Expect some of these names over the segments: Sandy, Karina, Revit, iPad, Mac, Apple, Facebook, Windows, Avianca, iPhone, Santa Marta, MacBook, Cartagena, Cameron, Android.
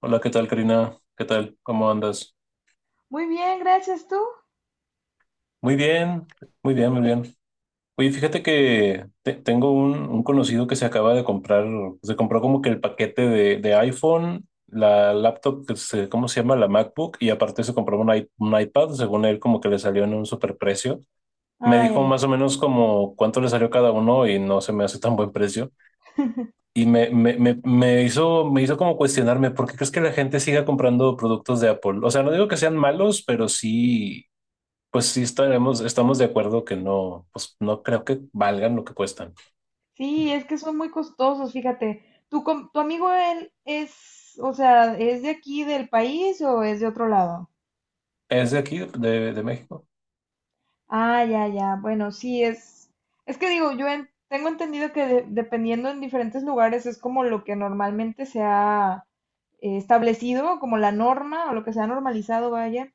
Hola, ¿qué tal, Karina? ¿Qué tal? ¿Cómo andas? Muy bien, gracias tú. Muy bien, muy bien, muy bien. Oye, fíjate que tengo un conocido que se acaba de comprar, se compró como que el paquete de iPhone, la laptop, ¿cómo se llama? La MacBook, y aparte se compró un iPad, según él, como que le salió en un superprecio. Me Ay, dijo ay, ay. más o menos como cuánto le salió cada uno y no se me hace tan buen precio. Y me hizo como cuestionarme, ¿por qué crees que la gente siga comprando productos de Apple? O sea, no digo que sean malos, pero sí, pues sí estamos de acuerdo que no, pues no creo que valgan lo que cuestan. Sí, es que son muy costosos, fíjate. ¿Tu amigo él es, o sea, es de aquí del país o es de otro lado? ¿Es de aquí, de México? Ah, ya, ya. Bueno, sí es. Es que digo, tengo entendido que dependiendo en diferentes lugares es como lo que normalmente se ha establecido, como la norma o lo que se ha normalizado, vaya.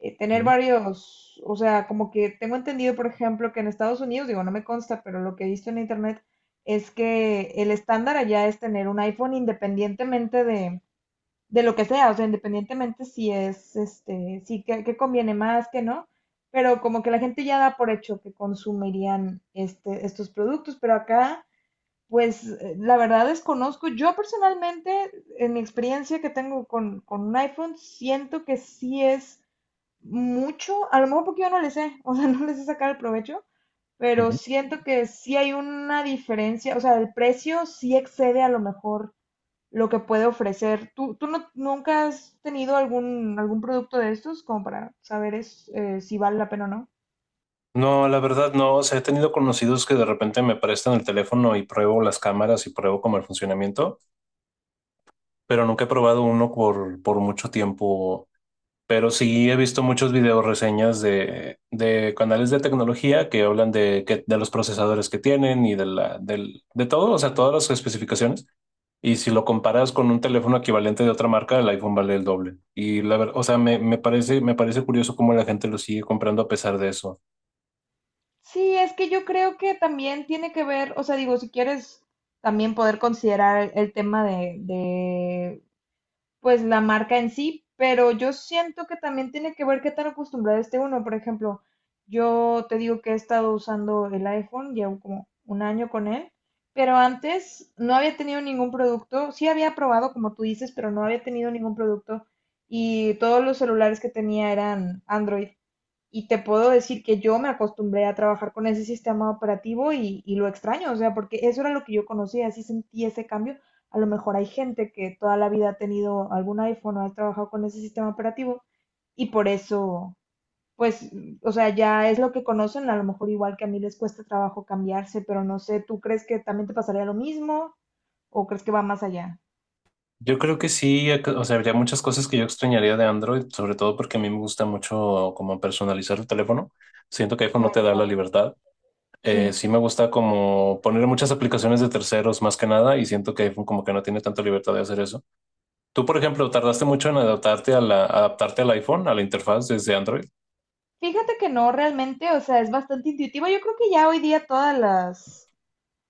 Tener Mm, varios, o sea, como que tengo entendido, por ejemplo, que en Estados Unidos, digo, no me consta, pero lo que he visto en internet es que el estándar allá es tener un iPhone independientemente de lo que sea, o sea, independientemente si es, este, si que conviene más, que no, pero como que la gente ya da por hecho que consumirían estos productos, pero acá. Pues la verdad desconozco. Yo personalmente, en mi experiencia que tengo con un iPhone, siento que sí es mucho, a lo mejor porque yo no le sé, o sea, no les sé sacar el provecho, pero ujú. siento que sí hay una diferencia, o sea, el precio sí excede a lo mejor lo que puede ofrecer. ¿Tú nunca has tenido algún producto de estos como para saber si vale la pena o no? No, la verdad no. O sea, he tenido conocidos que de repente me prestan el teléfono y pruebo las cámaras y pruebo como el funcionamiento, pero nunca he probado uno por mucho tiempo. Pero sí he visto muchos videos reseñas de canales de tecnología que hablan de los procesadores que tienen y de todo, o sea, todas las especificaciones. Y si lo comparas con un teléfono equivalente de otra marca, el iPhone vale el doble. Y la verdad, o sea, me parece curioso cómo la gente lo sigue comprando a pesar de eso. Sí, es que yo creo que también tiene que ver, o sea, digo, si quieres también poder considerar el tema de pues la marca en sí, pero yo siento que también tiene que ver qué tan acostumbrado esté uno. Por ejemplo, yo te digo que he estado usando el iPhone, llevo como un año con él, pero antes no había tenido ningún producto, sí había probado, como tú dices, pero no había tenido ningún producto y todos los celulares que tenía eran Android. Y te puedo decir que yo me acostumbré a trabajar con ese sistema operativo y lo extraño, o sea, porque eso era lo que yo conocía, así sentí ese cambio. A lo mejor hay gente que toda la vida ha tenido algún iPhone o ha trabajado con ese sistema operativo y por eso, pues, o sea, ya es lo que conocen, a lo mejor igual que a mí les cuesta trabajo cambiarse, pero no sé, ¿tú crees que también te pasaría lo mismo o crees que va más allá? Yo creo que sí, o sea, habría muchas cosas que yo extrañaría de Android, sobre todo porque a mí me gusta mucho como personalizar el teléfono. Siento que iPhone no te Claro, da la claro. libertad. Sí. Sí me gusta como poner muchas aplicaciones de terceros más que nada y siento que iPhone como que no tiene tanta libertad de hacer eso. Tú, por ejemplo, tardaste mucho en adaptarte a adaptarte al iPhone, a la interfaz desde Android. Fíjate que no realmente, o sea, es bastante intuitivo. Yo creo que ya hoy día todas las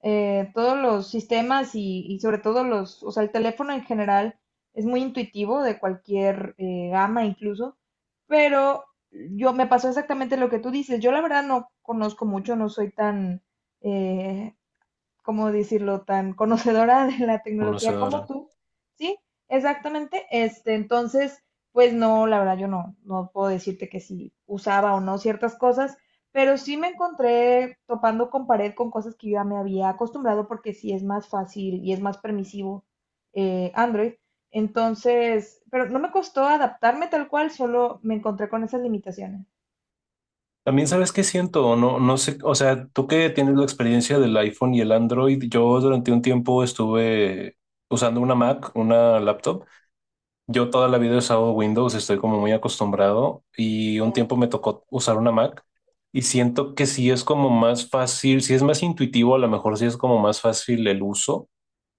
todos los sistemas y sobre todo los, o sea, el teléfono en general es muy intuitivo de cualquier gama incluso, pero yo me pasó exactamente lo que tú dices. Yo la verdad no conozco mucho, no soy tan, eh, ¿cómo decirlo?, tan conocedora de la No se tecnología como ahora. tú, ¿sí? Exactamente, este, entonces, pues no, la verdad yo no puedo decirte que si usaba o no ciertas cosas, pero sí me encontré topando con pared con cosas que yo ya me había acostumbrado porque sí es más fácil y es más permisivo Android. Entonces, pero no me costó adaptarme tal cual, solo me encontré con esas limitaciones. También sabes qué siento, no, no sé, o sea, tú que tienes la experiencia del iPhone y el Android, yo durante un tiempo estuve usando una Mac, una laptop. Yo toda la vida he usado Windows, estoy como muy acostumbrado y un tiempo me tocó usar una Mac y siento que sí es como más fácil, sí es más intuitivo, a lo mejor sí es como más fácil el uso,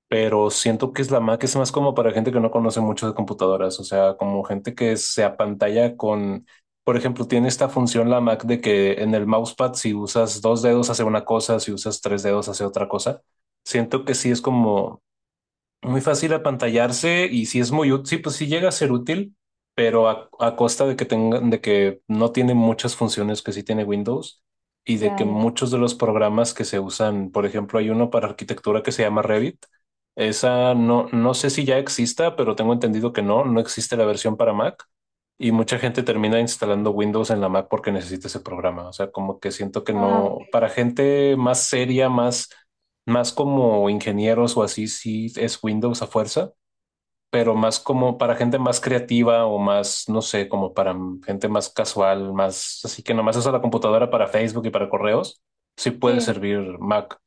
pero siento que es la Mac es más como para gente que no conoce mucho de computadoras, o sea, como gente que se apantalla con, por ejemplo, tiene esta función la Mac de que en el mousepad si usas dos dedos hace una cosa, si usas tres dedos hace otra cosa. Siento que sí es como muy fácil apantallarse y si es muy útil, sí, pues sí llega a ser útil, pero a costa de que no tiene muchas funciones que sí tiene Windows y de Ya, que ya. muchos de los programas que se usan, por ejemplo, hay uno para arquitectura que se llama Revit. Esa no, no sé si ya exista, pero tengo entendido que no, no existe la versión para Mac y mucha gente termina instalando Windows en la Mac porque necesita ese programa. O sea, como que siento que Ah, ok. no, para gente más seria, más como ingenieros o así, sí es Windows a fuerza, pero más como para gente más creativa o más, no sé, como para gente más casual, más así que nomás usa la computadora para Facebook y para correos, sí puede Sí. servir Mac,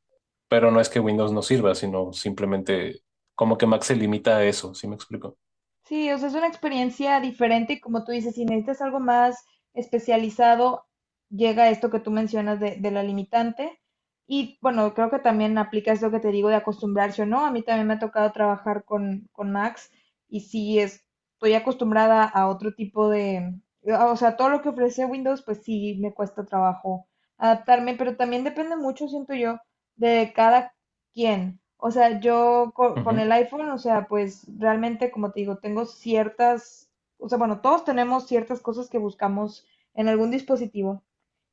pero no es que Windows no sirva, sino simplemente como que Mac se limita a eso, ¿sí me explico? Sí, o sea, es una experiencia diferente y como tú dices, si necesitas algo más especializado, llega esto que tú mencionas de la limitante. Y bueno, creo que también aplica esto que te digo de acostumbrarse o no. A mí también me ha tocado trabajar con Max y estoy acostumbrada a otro tipo de, o sea, todo lo que ofrece Windows, pues sí me cuesta trabajo adaptarme, pero también depende mucho, siento yo, de cada. ¿Quién? O sea, el Ujú. iPhone, o sea, pues realmente, como te digo, tengo ciertas, o sea, bueno, todos tenemos ciertas cosas que buscamos en algún dispositivo.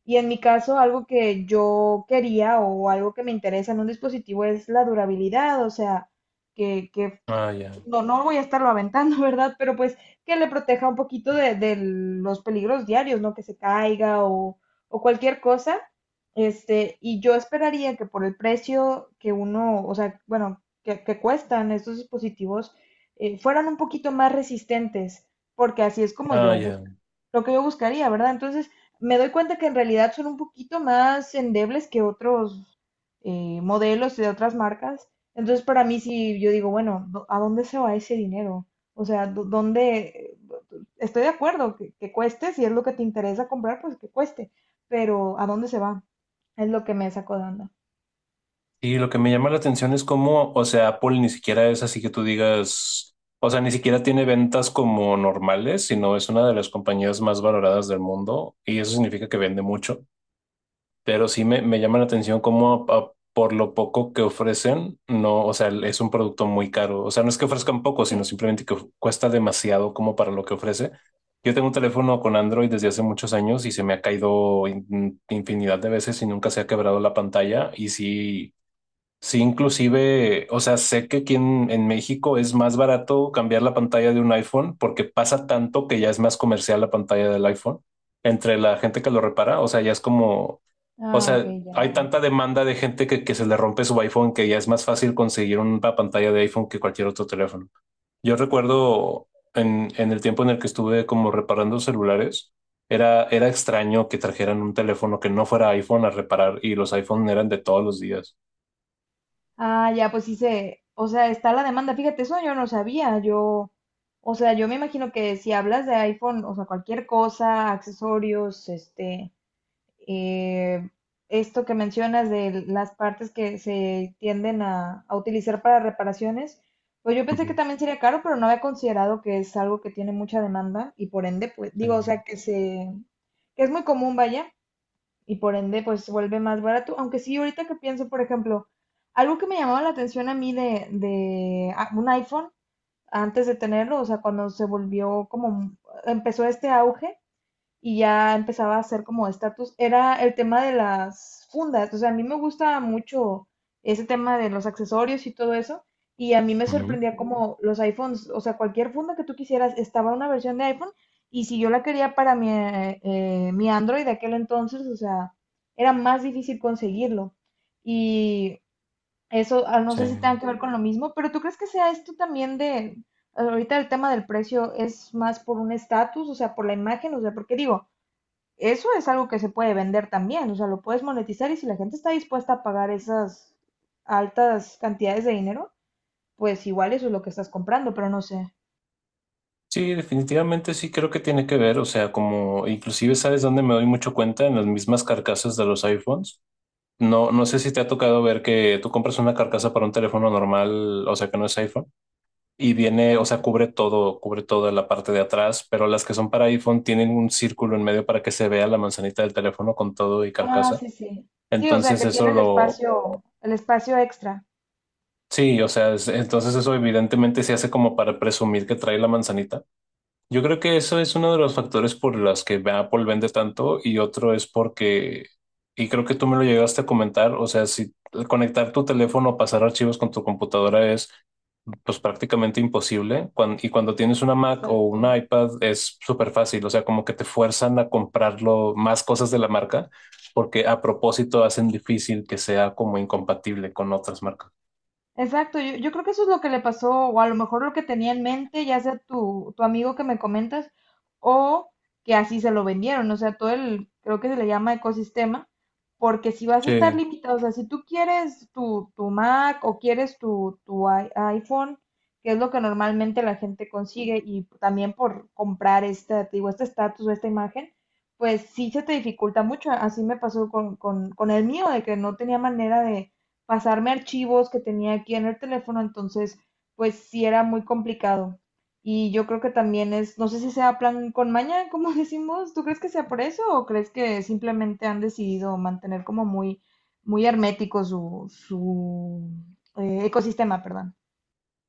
Y en mi caso, algo que yo quería o algo que me interesa en un dispositivo es la durabilidad, o sea, que Ah, ya. No voy a estarlo aventando, ¿verdad? Pero pues que le proteja un poquito de los peligros diarios, ¿no? Que se caiga o cualquier cosa. Este, y yo esperaría que por el precio que uno, o sea, bueno, que cuestan estos dispositivos, fueran un poquito más resistentes, porque así es como Ah, yo ya. lo que yo buscaría, ¿verdad? Entonces, me doy cuenta que en realidad son un poquito más endebles que otros modelos de otras marcas, entonces, para mí, si yo digo, bueno, ¿a dónde se va ese dinero? O sea, ¿dó- ¿dónde? Estoy de acuerdo que cueste, si es lo que te interesa comprar, pues que cueste, pero ¿a dónde se va? Es lo que me sacó de onda. Y lo que me llama la atención es cómo, o sea, Apple ni siquiera es así que tú digas, o sea, ni siquiera tiene ventas como normales, sino es una de las compañías más valoradas del mundo y eso significa que vende mucho. Pero sí me llama la atención cómo por lo poco que ofrecen, no, o sea, es un producto muy caro. O sea, no es que ofrezcan poco, Sí. sino simplemente que cuesta demasiado como para lo que ofrece. Yo tengo un teléfono con Android desde hace muchos años y se me ha caído infinidad de veces y nunca se ha quebrado la pantalla y sí. Sí, inclusive, o sea, sé que aquí en México es más barato cambiar la pantalla de un iPhone porque pasa tanto que ya es más comercial la pantalla del iPhone entre la gente que lo repara. O sea, ya es como, o Ah, ok, sea, hay ya. tanta demanda de gente que se le rompe su iPhone que ya es más fácil conseguir una pantalla de iPhone que cualquier otro teléfono. Yo recuerdo en el tiempo en el que estuve como reparando celulares, era extraño que trajeran un teléfono que no fuera iPhone a reparar y los iPhone eran de todos los días. Ah, ya, pues sí se, o sea, está la demanda. Fíjate, eso yo no sabía. Yo, o sea, yo me imagino que si hablas de iPhone, o sea, cualquier cosa, accesorios, este, eh, esto que mencionas de las partes que se tienden a utilizar para reparaciones, pues yo pensé que Ujú, también sería caro, pero no había considerado que es algo que tiene mucha demanda y por ende, pues sí, digo, o sea, que se, que es muy común, vaya, y por ende, pues se vuelve más barato. Aunque sí, ahorita que pienso, por ejemplo, algo que me llamaba la atención a mí de un iPhone antes de tenerlo, o sea, cuando se volvió como, empezó este auge, y ya empezaba a hacer como estatus, era el tema de las fundas. O sea, a mí me gusta mucho ese tema de los accesorios y todo eso. Y a mí me ujú, sorprendía como los iPhones, o sea, cualquier funda que tú quisieras, estaba una versión de iPhone. Y si yo la quería para mi, mi Android de aquel entonces, o sea, era más difícil conseguirlo. Y eso, ah, no sí. sé si tenga que ver con lo mismo, pero ¿tú crees que sea esto también de, ahorita el tema del precio es más por un estatus, o sea, por la imagen, o sea, porque digo, eso es algo que se puede vender también, o sea, lo puedes monetizar y si la gente está dispuesta a pagar esas altas cantidades de dinero, pues igual eso es lo que estás comprando, pero no sé. Sí, definitivamente sí creo que tiene que ver, o sea, como inclusive sabes dónde me doy mucho cuenta en las mismas carcasas de los iPhones. No, no sé si te ha tocado ver que tú compras una carcasa para un teléfono normal, o sea, que no es iPhone, y viene, o sea, cubre todo, cubre toda la parte de atrás, pero las que son para iPhone tienen un círculo en medio para que se vea la manzanita del teléfono con todo y Ah, carcasa. sí, sí. Sí, o sea, Entonces que eso tiene lo. El espacio extra. Sí, o sea, entonces eso evidentemente se hace como para presumir que trae la manzanita. Yo creo que eso es uno de los factores por los que Apple vende tanto y otro es porque, y creo que tú me lo llegaste a comentar, o sea, si conectar tu teléfono o pasar archivos con tu computadora es pues prácticamente imposible. Y cuando tienes una Mac o Exacto. un iPad es súper fácil, o sea, como que te fuerzan a comprarlo más cosas de la marca porque a propósito hacen difícil que sea como incompatible con otras marcas. Exacto, yo creo que eso es lo que le pasó, o a lo mejor lo que tenía en mente, ya sea tu amigo que me comentas, o que así se lo vendieron, o sea, todo el, creo que se le llama ecosistema, porque si vas a estar Sí. limitado, o sea, si tú quieres tu Mac o quieres tu iPhone, que es lo que normalmente la gente consigue, y también por comprar este, te digo, este estatus o esta imagen, pues sí se te dificulta mucho, así me pasó con el mío, de que no tenía manera de pasarme archivos que tenía aquí en el teléfono, entonces pues sí era muy complicado. Y yo creo que también es, no sé si sea plan con maña, como decimos, ¿tú crees que sea por eso o crees que simplemente han decidido mantener como muy, muy hermético su ecosistema, perdón?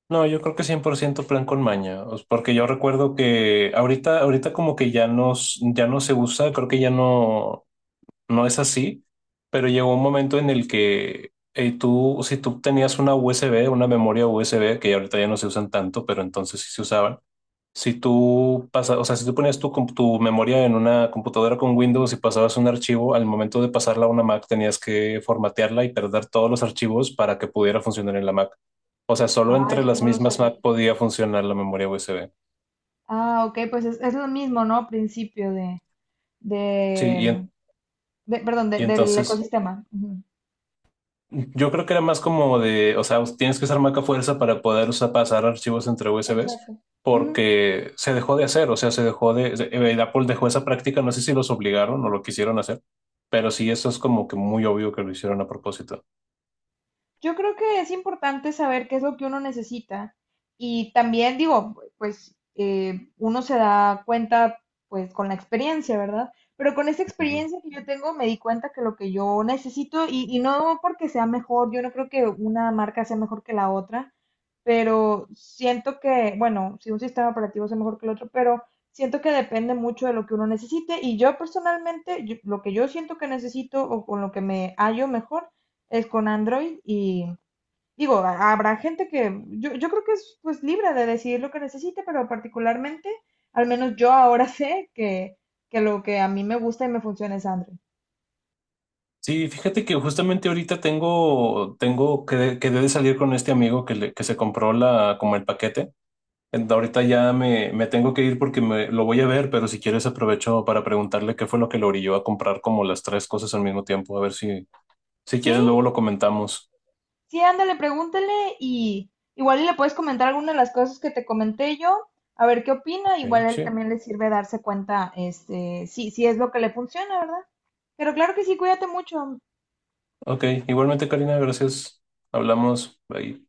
No, yo creo que 100% plan con maña, porque yo recuerdo que ahorita como que ya no, ya no se usa, creo que ya no, no es así, pero llegó un momento en el que si tú tenías una USB, una memoria USB, que ya ahorita ya no se usan tanto, pero entonces sí se usaban, si tú pasas, o sea, si tú ponías tu memoria en una computadora con Windows y pasabas un archivo, al momento de pasarla a una Mac tenías que formatearla y perder todos los archivos para que pudiera funcionar en la Mac. O sea, solo Ah, entre las mismas Mac podía funcionar la memoria USB. ah, ok, pues es lo mismo, ¿no? Principio Sí, de, perdón, y del entonces ecosistema. Ujú. yo creo que era más como de, o sea, tienes que usar Mac a fuerza para poder pasar archivos entre USBs, Exacto. Ujú. porque se dejó de hacer, o sea, se dejó de, se- Apple dejó esa práctica, no sé si los obligaron o lo quisieron hacer, pero sí, eso es como que muy obvio que lo hicieron a propósito. Yo creo que es importante saber qué es lo que uno necesita y también digo, pues uno se da cuenta pues con la experiencia, ¿verdad? Pero con esa Ujú. experiencia que yo tengo me di cuenta que lo que yo necesito y no porque sea mejor, yo no creo que una marca sea mejor que la otra, pero siento que, bueno, si un sistema operativo sea mejor que el otro, pero siento que depende mucho de lo que uno necesite y yo personalmente, yo- lo que yo siento que necesito o con lo que me hallo mejor es con Android y digo, a- habrá gente que yo creo que es pues libre de decidir lo que necesite, pero particularmente, al menos yo ahora sé que lo que a mí me gusta y me funciona es Android. Sí, fíjate que justamente ahorita tengo que de salir con este amigo que se compró como el paquete. Ahorita ya me tengo que ir porque lo voy a ver, pero si quieres aprovecho para preguntarle qué fue lo que lo orilló a comprar como las tres cosas al mismo tiempo. A ver si Sí, quieres luego lo comentamos. sí, ándale, pregúntale y igual y le puedes comentar alguna de las cosas que te comenté yo, a ver qué opina, Ok, igual a él sí, también le sirve darse cuenta, este, si, si es lo que le funciona, ¿verdad? Pero claro que sí, cuídate mucho. ok. Igualmente, Karina, gracias. Hablamos. Bye.